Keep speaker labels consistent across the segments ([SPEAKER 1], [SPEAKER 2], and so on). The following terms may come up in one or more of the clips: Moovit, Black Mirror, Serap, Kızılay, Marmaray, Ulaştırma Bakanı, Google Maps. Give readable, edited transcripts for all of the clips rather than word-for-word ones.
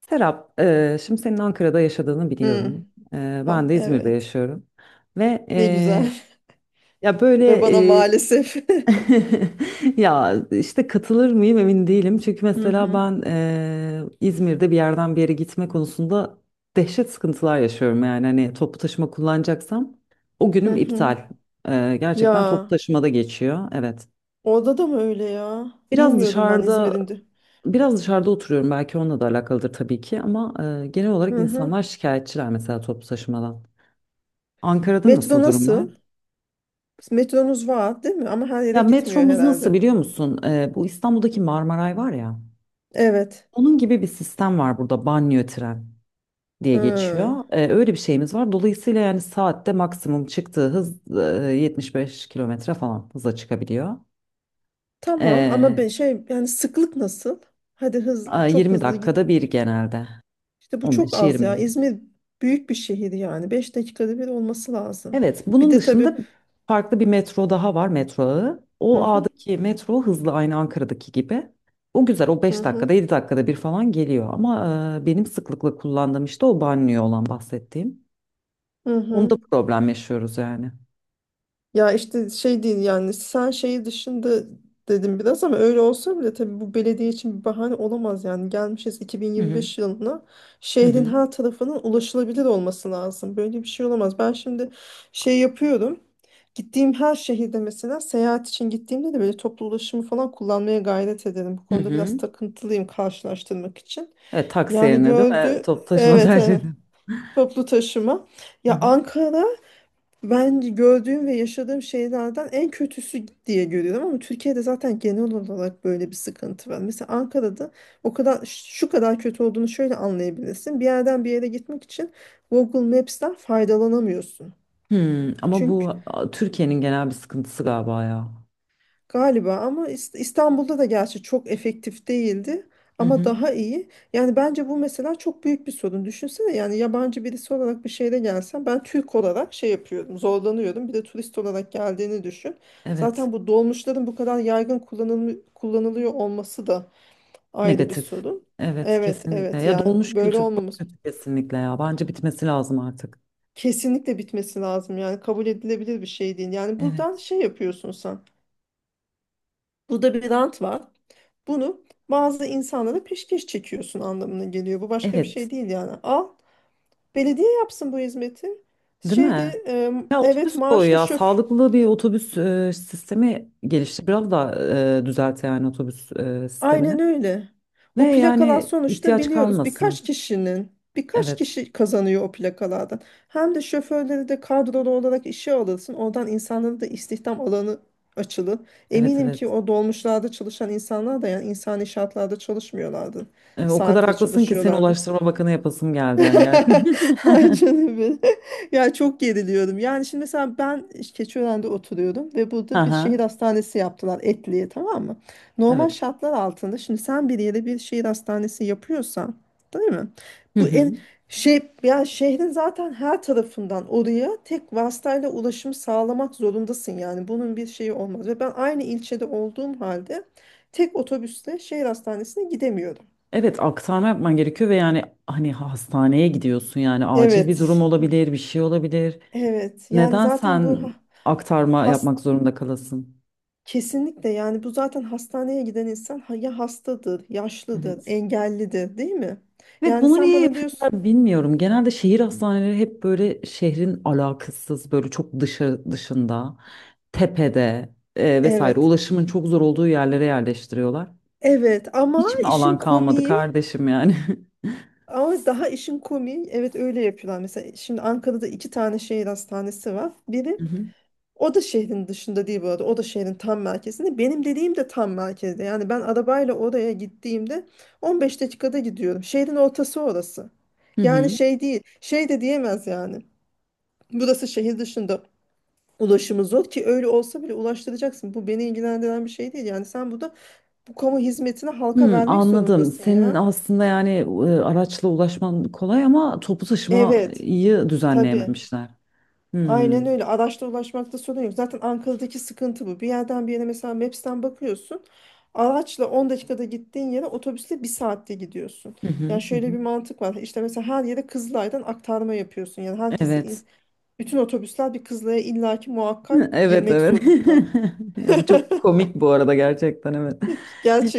[SPEAKER 1] Serap, şimdi senin Ankara'da yaşadığını
[SPEAKER 2] Hı,
[SPEAKER 1] biliyorum. Ben
[SPEAKER 2] tam
[SPEAKER 1] de İzmir'de
[SPEAKER 2] evet.
[SPEAKER 1] yaşıyorum. Ve
[SPEAKER 2] Ne güzel.
[SPEAKER 1] ya
[SPEAKER 2] Ve
[SPEAKER 1] böyle
[SPEAKER 2] bana maalesef.
[SPEAKER 1] Ya işte katılır mıyım emin değilim. Çünkü
[SPEAKER 2] Hı
[SPEAKER 1] mesela
[SPEAKER 2] hı.
[SPEAKER 1] ben İzmir'de bir yerden bir yere gitme konusunda dehşet sıkıntılar yaşıyorum. Yani hani toplu taşıma kullanacaksam o
[SPEAKER 2] Hı
[SPEAKER 1] günüm
[SPEAKER 2] hı.
[SPEAKER 1] iptal. Gerçekten toplu
[SPEAKER 2] Ya
[SPEAKER 1] taşımada geçiyor. Evet.
[SPEAKER 2] orada da mı öyle ya?
[SPEAKER 1] Biraz
[SPEAKER 2] Bilmiyordum ben
[SPEAKER 1] dışarıda
[SPEAKER 2] İzmir'in de.
[SPEAKER 1] Biraz dışarıda oturuyorum belki onunla da alakalıdır tabii ki ama genel olarak
[SPEAKER 2] Hı hı.
[SPEAKER 1] insanlar şikayetçiler mesela toplu taşımadan. Ankara'da
[SPEAKER 2] Metro
[SPEAKER 1] nasıl durumlar?
[SPEAKER 2] nasıl? Metronuz var değil mi? Ama her yere
[SPEAKER 1] Ya
[SPEAKER 2] gitmiyor
[SPEAKER 1] metromuz nasıl
[SPEAKER 2] herhalde.
[SPEAKER 1] biliyor musun? Bu İstanbul'daki Marmaray var ya
[SPEAKER 2] Evet.
[SPEAKER 1] onun gibi bir sistem var burada banliyö tren diye
[SPEAKER 2] Hı.
[SPEAKER 1] geçiyor. Öyle bir şeyimiz var. Dolayısıyla yani saatte maksimum çıktığı hız 75 kilometre falan hıza çıkabiliyor.
[SPEAKER 2] Tamam ama
[SPEAKER 1] E,
[SPEAKER 2] ben şey yani sıklık nasıl? Hadi hız çok
[SPEAKER 1] 20
[SPEAKER 2] hızlı git.
[SPEAKER 1] dakikada bir genelde
[SPEAKER 2] İşte bu çok az
[SPEAKER 1] 15-20.
[SPEAKER 2] ya. İzmir büyük bir şehir yani. 5 dakikada bir olması lazım.
[SPEAKER 1] Evet,
[SPEAKER 2] Bir
[SPEAKER 1] bunun
[SPEAKER 2] de
[SPEAKER 1] dışında
[SPEAKER 2] tabii.
[SPEAKER 1] farklı bir metro daha var, metro ağı.
[SPEAKER 2] Hı
[SPEAKER 1] O
[SPEAKER 2] hı.
[SPEAKER 1] ağdaki metro hızlı aynı Ankara'daki gibi. O güzel, o
[SPEAKER 2] Hı
[SPEAKER 1] 5 dakikada
[SPEAKER 2] hı.
[SPEAKER 1] 7 dakikada bir falan geliyor. Ama benim sıklıkla kullandığım işte o banliyö olan bahsettiğim.
[SPEAKER 2] Hı hı.
[SPEAKER 1] Onda problem yaşıyoruz yani.
[SPEAKER 2] Ya işte şey değil yani sen şeyi dışında dedim biraz ama öyle olsa bile tabii bu belediye için bir bahane olamaz. Yani gelmişiz
[SPEAKER 1] Hı hı
[SPEAKER 2] 2025 yılına,
[SPEAKER 1] hı
[SPEAKER 2] şehrin
[SPEAKER 1] hı
[SPEAKER 2] her tarafının ulaşılabilir olması lazım. Böyle bir şey olamaz. Ben şimdi şey yapıyorum, gittiğim her şehirde mesela seyahat için gittiğimde de böyle toplu ulaşımı falan kullanmaya gayret ederim, bu
[SPEAKER 1] hı
[SPEAKER 2] konuda
[SPEAKER 1] hı.
[SPEAKER 2] biraz takıntılıyım karşılaştırmak için.
[SPEAKER 1] Evet, taksi
[SPEAKER 2] Yani
[SPEAKER 1] yerine değil mi?
[SPEAKER 2] gördü,
[SPEAKER 1] Toplu taşıma
[SPEAKER 2] evet,
[SPEAKER 1] tercih
[SPEAKER 2] evet,
[SPEAKER 1] edin.
[SPEAKER 2] toplu taşıma.
[SPEAKER 1] Hı
[SPEAKER 2] Ya,
[SPEAKER 1] hı.
[SPEAKER 2] Ankara ben gördüğüm ve yaşadığım şeylerden en kötüsü diye görüyorum, ama Türkiye'de zaten genel olarak böyle bir sıkıntı var. Mesela Ankara'da o kadar şu kadar kötü olduğunu şöyle anlayabilirsin: bir yerden bir yere gitmek için Google Maps'ten faydalanamıyorsun.
[SPEAKER 1] Hmm, ama
[SPEAKER 2] Çünkü.
[SPEAKER 1] bu Türkiye'nin genel bir sıkıntısı galiba ya.
[SPEAKER 2] Galiba, ama İstanbul'da da gerçi çok efektif değildi
[SPEAKER 1] Hı
[SPEAKER 2] ama
[SPEAKER 1] hı.
[SPEAKER 2] daha iyi. Yani bence bu mesela çok büyük bir sorun. Düşünsene, yani yabancı birisi olarak bir şehre gelsem, ben Türk olarak şey yapıyordum, zorlanıyordum. Bir de turist olarak geldiğini düşün.
[SPEAKER 1] Evet.
[SPEAKER 2] Zaten bu dolmuşların bu kadar yaygın kullanılıyor olması da ayrı bir
[SPEAKER 1] Negatif.
[SPEAKER 2] sorun.
[SPEAKER 1] Evet
[SPEAKER 2] Evet,
[SPEAKER 1] kesinlikle.
[SPEAKER 2] evet,
[SPEAKER 1] Ya
[SPEAKER 2] yani
[SPEAKER 1] dolmuş
[SPEAKER 2] böyle
[SPEAKER 1] kültür çok
[SPEAKER 2] olmamız
[SPEAKER 1] kötü kesinlikle ya. Bence bitmesi lazım artık.
[SPEAKER 2] kesinlikle bitmesi lazım. Yani kabul edilebilir bir şey değil. Yani buradan
[SPEAKER 1] Evet.
[SPEAKER 2] şey yapıyorsun sen. Burada bir rant var. Bunu bazı insanlara peşkeş çekiyorsun anlamına geliyor. Bu başka bir şey
[SPEAKER 1] Evet.
[SPEAKER 2] değil yani. Al, belediye yapsın bu hizmeti.
[SPEAKER 1] Değil mi?
[SPEAKER 2] Şeyde
[SPEAKER 1] Ya
[SPEAKER 2] evet,
[SPEAKER 1] otobüs koy
[SPEAKER 2] maaşlı
[SPEAKER 1] ya.
[SPEAKER 2] şoför.
[SPEAKER 1] Sağlıklı bir otobüs sistemi geliştir. Biraz da düzelt yani otobüs sistemini.
[SPEAKER 2] Aynen öyle.
[SPEAKER 1] Ve
[SPEAKER 2] O plakalar
[SPEAKER 1] yani
[SPEAKER 2] sonuçta
[SPEAKER 1] ihtiyaç
[SPEAKER 2] biliyoruz,
[SPEAKER 1] kalmasın.
[SPEAKER 2] birkaç
[SPEAKER 1] Evet.
[SPEAKER 2] kişi kazanıyor o plakalardan. Hem de şoförleri de kadrolu olarak işe alırsın, oradan insanların da istihdam alanı açılır.
[SPEAKER 1] Evet
[SPEAKER 2] Eminim ki
[SPEAKER 1] evet.
[SPEAKER 2] o dolmuşlarda çalışan insanlar da yani insani şartlarda çalışmıyorlardı.
[SPEAKER 1] O kadar
[SPEAKER 2] Saatle
[SPEAKER 1] haklısın ki seni
[SPEAKER 2] çalışıyorlardı.
[SPEAKER 1] Ulaştırma Bakanı yapasım geldi yani
[SPEAKER 2] Ay
[SPEAKER 1] gerçekten.
[SPEAKER 2] canım benim. Ya çok geriliyorum. Yani şimdi mesela ben Keçiören'de oturuyordum ve burada bir
[SPEAKER 1] Aha,
[SPEAKER 2] şehir hastanesi yaptılar Etli'ye, tamam mı? Normal
[SPEAKER 1] evet.
[SPEAKER 2] şartlar altında şimdi sen bir yere bir şehir hastanesi yapıyorsan, değil mi?
[SPEAKER 1] Hı
[SPEAKER 2] Bu
[SPEAKER 1] hı.
[SPEAKER 2] en şey ya, şehrin zaten her tarafından oraya tek vasıtayla ulaşım sağlamak zorundasın, yani bunun bir şeyi olmaz, ve ben aynı ilçede olduğum halde tek otobüsle şehir hastanesine gidemiyorum.
[SPEAKER 1] Evet aktarma yapman gerekiyor ve yani hani hastaneye gidiyorsun yani acil bir durum
[SPEAKER 2] Evet.
[SPEAKER 1] olabilir, bir şey olabilir.
[SPEAKER 2] Evet yani
[SPEAKER 1] Neden
[SPEAKER 2] zaten bu
[SPEAKER 1] sen
[SPEAKER 2] ha-
[SPEAKER 1] aktarma
[SPEAKER 2] has
[SPEAKER 1] yapmak zorunda kalasın?
[SPEAKER 2] kesinlikle, yani bu zaten hastaneye giden insan, ya hastadır, yaşlıdır,
[SPEAKER 1] Evet.
[SPEAKER 2] engellidir, değil mi?
[SPEAKER 1] Evet
[SPEAKER 2] Yani
[SPEAKER 1] bunu
[SPEAKER 2] sen
[SPEAKER 1] niye
[SPEAKER 2] bana diyorsun
[SPEAKER 1] yapıyorlar bilmiyorum. Genelde şehir hastaneleri hep böyle şehrin alakasız böyle çok dışı dışında, tepede vesaire
[SPEAKER 2] evet.
[SPEAKER 1] ulaşımın çok zor olduğu yerlere yerleştiriyorlar.
[SPEAKER 2] Evet, ama
[SPEAKER 1] Hiç mi
[SPEAKER 2] işin
[SPEAKER 1] alan kalmadı
[SPEAKER 2] komiği,
[SPEAKER 1] kardeşim yani?
[SPEAKER 2] ama daha işin komiği, evet, öyle yapıyorlar. Mesela şimdi Ankara'da iki tane şehir hastanesi var. Biri.
[SPEAKER 1] Hı hı.
[SPEAKER 2] O da şehrin dışında değil bu arada. O da şehrin tam merkezinde. Benim dediğim de tam merkezde. Yani ben arabayla oraya gittiğimde 15 dakikada gidiyorum. Şehrin ortası orası.
[SPEAKER 1] Hı
[SPEAKER 2] Yani
[SPEAKER 1] hı.
[SPEAKER 2] şey değil. Şey de diyemez yani. Burası şehir dışında, ulaşımı zor, ki öyle olsa bile ulaştıracaksın. Bu beni ilgilendiren bir şey değil. Yani sen burada bu kamu hizmetini halka
[SPEAKER 1] Hmm,
[SPEAKER 2] vermek
[SPEAKER 1] anladım.
[SPEAKER 2] zorundasın
[SPEAKER 1] Senin
[SPEAKER 2] ya.
[SPEAKER 1] aslında yani araçla ulaşman kolay ama toplu
[SPEAKER 2] Evet.
[SPEAKER 1] taşımayı
[SPEAKER 2] Tabii.
[SPEAKER 1] düzenleyememişler. Hmm.
[SPEAKER 2] Aynen öyle. Araçla ulaşmakta sorun yok. Zaten Ankara'daki sıkıntı bu. Bir yerden bir yere mesela Maps'ten bakıyorsun. Araçla 10 dakikada gittiğin yere otobüsle bir saatte gidiyorsun.
[SPEAKER 1] Hı hı,
[SPEAKER 2] Yani
[SPEAKER 1] hı
[SPEAKER 2] şöyle
[SPEAKER 1] hı.
[SPEAKER 2] bir mantık var. İşte mesela her yere Kızılay'dan aktarma yapıyorsun. Yani herkesi,
[SPEAKER 1] Evet.
[SPEAKER 2] bütün otobüsler bir Kızılay'a illaki muhakkak
[SPEAKER 1] Evet
[SPEAKER 2] girmek
[SPEAKER 1] evet.
[SPEAKER 2] zorunda.
[SPEAKER 1] Ya bu çok komik bu arada gerçekten evet.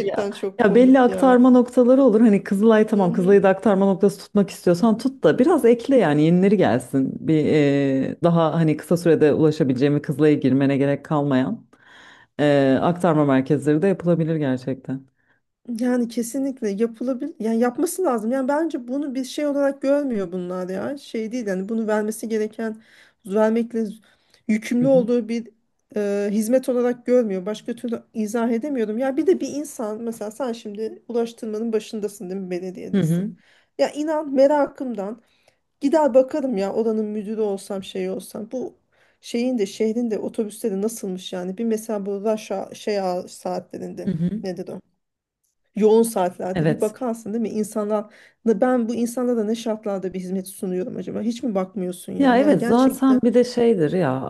[SPEAKER 1] Ya,
[SPEAKER 2] çok
[SPEAKER 1] ya belli
[SPEAKER 2] komik ya.
[SPEAKER 1] aktarma noktaları olur. Hani Kızılay
[SPEAKER 2] Hı
[SPEAKER 1] tamam
[SPEAKER 2] hı.
[SPEAKER 1] Kızılay'ı da aktarma noktası tutmak istiyorsan tut da biraz ekle yani yenileri gelsin. Bir daha hani kısa sürede ulaşabileceğim ve Kızılay'a girmene gerek kalmayan aktarma merkezleri de yapılabilir gerçekten.
[SPEAKER 2] Yani kesinlikle yapılabilir. Yani yapması lazım. Yani bence bunu bir şey olarak görmüyor bunlar ya. Şey değil, yani bunu vermesi gereken, vermekle yükümlü olduğu bir hizmet olarak görmüyor. Başka türlü izah edemiyorum. Ya bir de bir insan, mesela sen şimdi ulaştırmanın başındasın değil mi,
[SPEAKER 1] Hı hı,
[SPEAKER 2] belediyedesin. Ya inan merakımdan gider bakarım ya, oranın müdürü olsam, şey olsam. Bu şeyin de şehrin de otobüsleri nasılmış yani. Bir mesela bu şey hour
[SPEAKER 1] hı
[SPEAKER 2] saatlerinde,
[SPEAKER 1] hı.
[SPEAKER 2] nedir o, yoğun saatlerde, bir
[SPEAKER 1] Evet.
[SPEAKER 2] bakarsın değil mi? İnsanlar, ben bu insanlara ne şartlarda bir hizmet sunuyorum acaba? Hiç mi bakmıyorsun
[SPEAKER 1] Ya
[SPEAKER 2] yani? Yani
[SPEAKER 1] evet zaten
[SPEAKER 2] gerçekten.
[SPEAKER 1] bir de şeydir ya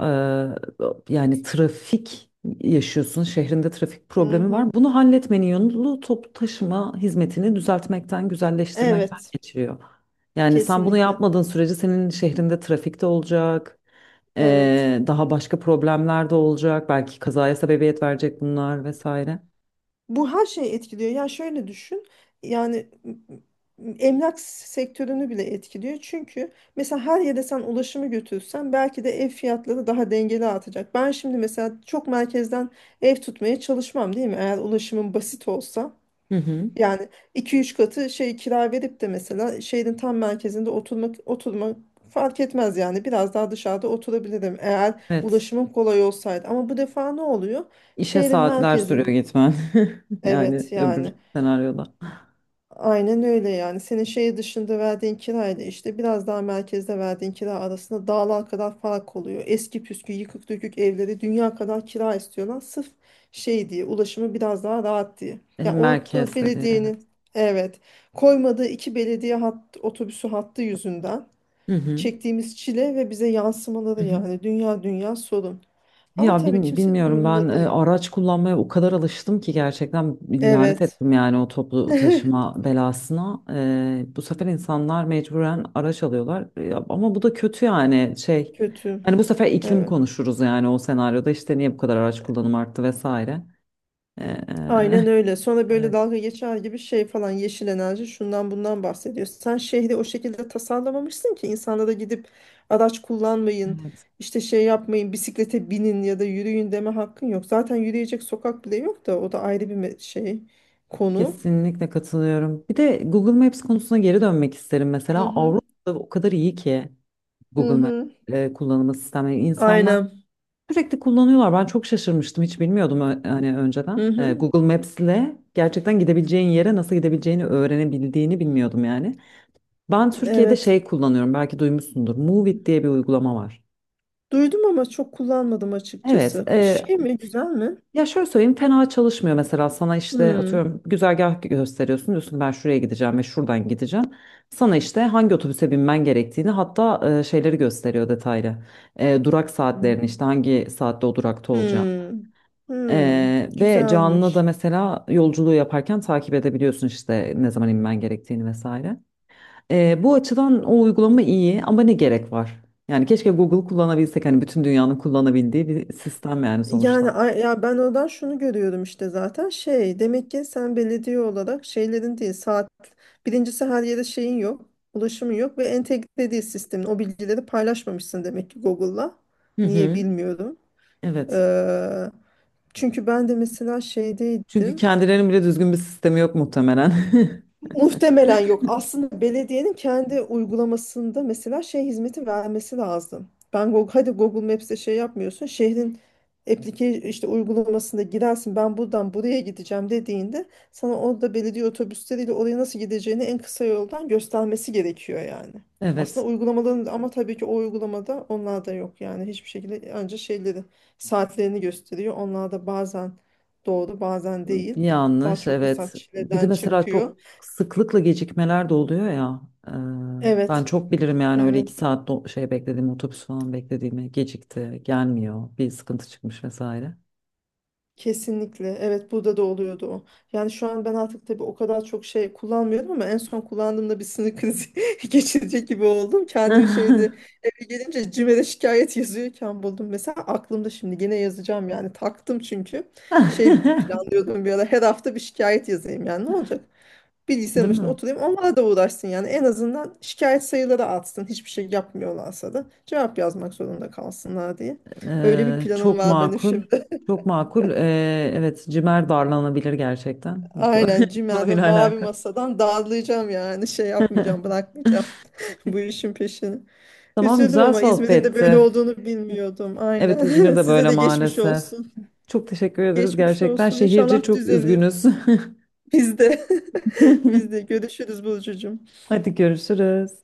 [SPEAKER 1] yani trafik yaşıyorsun şehrinde trafik problemi var.
[SPEAKER 2] Mhm.
[SPEAKER 1] Bunu halletmenin yolu toplu taşıma hizmetini düzeltmekten, güzelleştirmekten
[SPEAKER 2] Evet,
[SPEAKER 1] geçiyor. Yani sen bunu
[SPEAKER 2] kesinlikle.
[SPEAKER 1] yapmadığın sürece senin şehrinde trafik de olacak.
[SPEAKER 2] Evet.
[SPEAKER 1] Daha başka problemler de olacak. Belki kazaya sebebiyet verecek bunlar vesaire.
[SPEAKER 2] Bu her şeyi etkiliyor. Yani şöyle düşün. Yani emlak sektörünü bile etkiliyor. Çünkü mesela her yere sen ulaşımı götürsen belki de ev fiyatları daha dengeli artacak. Ben şimdi mesela çok merkezden ev tutmaya çalışmam, değil mi, eğer ulaşımım basit olsa.
[SPEAKER 1] Hı hı.
[SPEAKER 2] Yani iki üç katı şey kira verip de mesela şehrin tam merkezinde oturmak fark etmez yani, biraz daha dışarıda oturabilirim eğer
[SPEAKER 1] Evet.
[SPEAKER 2] ulaşımım kolay olsaydı, ama bu defa ne oluyor?
[SPEAKER 1] İşe
[SPEAKER 2] Şehrin
[SPEAKER 1] saatler sürüyor
[SPEAKER 2] merkezin,
[SPEAKER 1] gitmen. Yani
[SPEAKER 2] evet
[SPEAKER 1] öbür
[SPEAKER 2] yani.
[SPEAKER 1] senaryoda.
[SPEAKER 2] Aynen öyle yani. Senin şehir dışında verdiğin kirayla işte biraz daha merkezde verdiğin kira arasında dağlar kadar fark oluyor. Eski püskü yıkık dökük evleri dünya kadar kira istiyorlar. Sırf şey diye, ulaşımı biraz daha rahat diye. Yani orada
[SPEAKER 1] Merkezde diye. Evet.
[SPEAKER 2] belediyenin, evet, koymadığı iki belediye otobüsü hattı yüzünden
[SPEAKER 1] Hı hı.
[SPEAKER 2] çektiğimiz çile ve bize yansımaları
[SPEAKER 1] Hı hı.
[SPEAKER 2] yani dünya dünya sorun. Ama
[SPEAKER 1] Ya
[SPEAKER 2] tabii kimsenin
[SPEAKER 1] bilmiyorum ben
[SPEAKER 2] umurunda değil.
[SPEAKER 1] araç kullanmaya o kadar alıştım ki gerçekten lanet
[SPEAKER 2] Evet.
[SPEAKER 1] ettim yani o toplu taşıma belasına. Bu sefer insanlar mecburen araç alıyorlar ama bu da kötü yani şey.
[SPEAKER 2] Kötü.
[SPEAKER 1] Hani bu sefer iklim
[SPEAKER 2] Evet.
[SPEAKER 1] konuşuruz yani o senaryoda işte niye bu kadar araç kullanımı arttı vesaire. E,
[SPEAKER 2] Aynen öyle. Sonra böyle
[SPEAKER 1] evet,
[SPEAKER 2] dalga geçer gibi şey falan, yeşil enerji, şundan bundan bahsediyor. Sen şehri o şekilde tasarlamamışsın ki insanlara gidip araç kullanmayın,
[SPEAKER 1] evet.
[SPEAKER 2] işte şey yapmayın, bisiklete binin ya da yürüyün deme hakkın yok. Zaten yürüyecek sokak bile yok da, o da ayrı bir şey konu.
[SPEAKER 1] Kesinlikle katılıyorum. Bir de Google Maps konusuna geri dönmek isterim
[SPEAKER 2] Hı
[SPEAKER 1] mesela.
[SPEAKER 2] hı.
[SPEAKER 1] Avrupa o kadar iyi ki.
[SPEAKER 2] Hı
[SPEAKER 1] Google Maps
[SPEAKER 2] hı.
[SPEAKER 1] kullanımı sistemi insanlar
[SPEAKER 2] Aynen.
[SPEAKER 1] sürekli kullanıyorlar. Ben çok şaşırmıştım. Hiç bilmiyordum hani
[SPEAKER 2] Hı
[SPEAKER 1] önceden.
[SPEAKER 2] hı.
[SPEAKER 1] Google Maps ile gerçekten gidebileceğin yere nasıl gidebileceğini öğrenebildiğini bilmiyordum yani. Ben Türkiye'de
[SPEAKER 2] Evet.
[SPEAKER 1] şey kullanıyorum. Belki duymuşsundur. Moovit diye bir uygulama var.
[SPEAKER 2] Duydum ama çok kullanmadım
[SPEAKER 1] Evet.
[SPEAKER 2] açıkçası.
[SPEAKER 1] e,
[SPEAKER 2] Şey mi, güzel mi?
[SPEAKER 1] Ya şöyle söyleyeyim fena çalışmıyor mesela sana işte
[SPEAKER 2] Hmm.
[SPEAKER 1] atıyorum güzergah gösteriyorsun diyorsun ben şuraya gideceğim ve şuradan gideceğim. Sana işte hangi otobüse binmen gerektiğini hatta şeyleri gösteriyor detaylı. Durak saatlerini
[SPEAKER 2] Hmm.
[SPEAKER 1] işte hangi saatte o durakta olacağını.
[SPEAKER 2] Hmm. Hmm.
[SPEAKER 1] Ve canlı da
[SPEAKER 2] Güzelmiş.
[SPEAKER 1] mesela yolculuğu yaparken takip edebiliyorsun işte ne zaman inmen gerektiğini vesaire. Bu açıdan o uygulama iyi ama ne gerek var? Yani keşke Google kullanabilsek hani bütün dünyanın kullanabildiği bir sistem yani
[SPEAKER 2] Yani
[SPEAKER 1] sonuçta.
[SPEAKER 2] ya ben oradan şunu görüyorum, işte zaten şey, demek ki sen belediye olarak şeylerin değil saat, birincisi her yere şeyin yok, ulaşımın yok ve entegre değil sistemin, o bilgileri paylaşmamışsın demek ki Google'la,
[SPEAKER 1] Hı
[SPEAKER 2] niye
[SPEAKER 1] hı.
[SPEAKER 2] bilmiyorum.
[SPEAKER 1] Evet.
[SPEAKER 2] Ee, Çünkü ben de mesela
[SPEAKER 1] Çünkü
[SPEAKER 2] şeydeydim.
[SPEAKER 1] kendilerinin bile düzgün bir sistemi yok muhtemelen.
[SPEAKER 2] Muhtemelen yok. Aslında belediyenin kendi uygulamasında mesela şey hizmeti vermesi lazım. Ben Google, hadi Google Maps'te şey yapmıyorsun, şehrin application işte uygulamasında girersin. Ben buradan buraya gideceğim dediğinde sana orada belediye otobüsleriyle oraya nasıl gideceğini en kısa yoldan göstermesi gerekiyor yani.
[SPEAKER 1] Evet.
[SPEAKER 2] Aslında uygulamaların, ama tabii ki o uygulamada onlar da yok yani, hiçbir şekilde, ancak şeyleri, saatlerini gösteriyor. Onlar da bazen doğru bazen değil. Daha
[SPEAKER 1] Yanlış,
[SPEAKER 2] çok insan
[SPEAKER 1] evet. Bir de
[SPEAKER 2] çileden
[SPEAKER 1] mesela
[SPEAKER 2] çıkıyor.
[SPEAKER 1] çok sıklıkla gecikmeler de oluyor ya. Ee, Ben
[SPEAKER 2] Evet,
[SPEAKER 1] çok bilirim yani öyle
[SPEAKER 2] evet.
[SPEAKER 1] iki saat şey beklediğim otobüs falan beklediğimi gecikti, gelmiyor, bir sıkıntı çıkmış vesaire.
[SPEAKER 2] Kesinlikle. Evet, burada da oluyordu o. Yani şu an ben artık tabii o kadar çok şey kullanmıyorum, ama en son kullandığımda bir sinir krizi geçirecek gibi oldum. Kendimi şeyde, eve gelince CİMER'e şikayet yazıyorken buldum. Mesela aklımda şimdi gene yazacağım yani, taktım çünkü. Şey planlıyordum bir ara, her hafta bir şikayet yazayım yani, ne olacak? Bilgisayarın
[SPEAKER 1] Değil
[SPEAKER 2] başına
[SPEAKER 1] mi?
[SPEAKER 2] oturayım, onlara da uğraşsın yani, en azından şikayet sayıları artsın, hiçbir şey yapmıyorlarsa da cevap yazmak zorunda kalsınlar diye. Öyle bir planım
[SPEAKER 1] Çok
[SPEAKER 2] var benim
[SPEAKER 1] makul,
[SPEAKER 2] şimdi.
[SPEAKER 1] çok makul. Evet, cimer darlanabilir gerçekten bu
[SPEAKER 2] Aynen, Cimel ve
[SPEAKER 1] konuyla
[SPEAKER 2] Mavi
[SPEAKER 1] alakalı.
[SPEAKER 2] Masa'dan dağılacağım yani, şey yapmayacağım, bırakmayacağım bu işin peşini.
[SPEAKER 1] Tamam,
[SPEAKER 2] Üzüldüm
[SPEAKER 1] güzel
[SPEAKER 2] ama İzmir'in de böyle
[SPEAKER 1] sohbetti.
[SPEAKER 2] olduğunu bilmiyordum,
[SPEAKER 1] Evet,
[SPEAKER 2] aynen.
[SPEAKER 1] İzmir'de
[SPEAKER 2] Size
[SPEAKER 1] böyle
[SPEAKER 2] de geçmiş
[SPEAKER 1] maalesef.
[SPEAKER 2] olsun.
[SPEAKER 1] Çok teşekkür ederiz
[SPEAKER 2] Geçmiş
[SPEAKER 1] gerçekten.
[SPEAKER 2] olsun,
[SPEAKER 1] Şehirci
[SPEAKER 2] inşallah
[SPEAKER 1] çok
[SPEAKER 2] düzelir.
[SPEAKER 1] üzgünüz.
[SPEAKER 2] Biz de biz de görüşürüz Burcucuğum.
[SPEAKER 1] Hadi görüşürüz.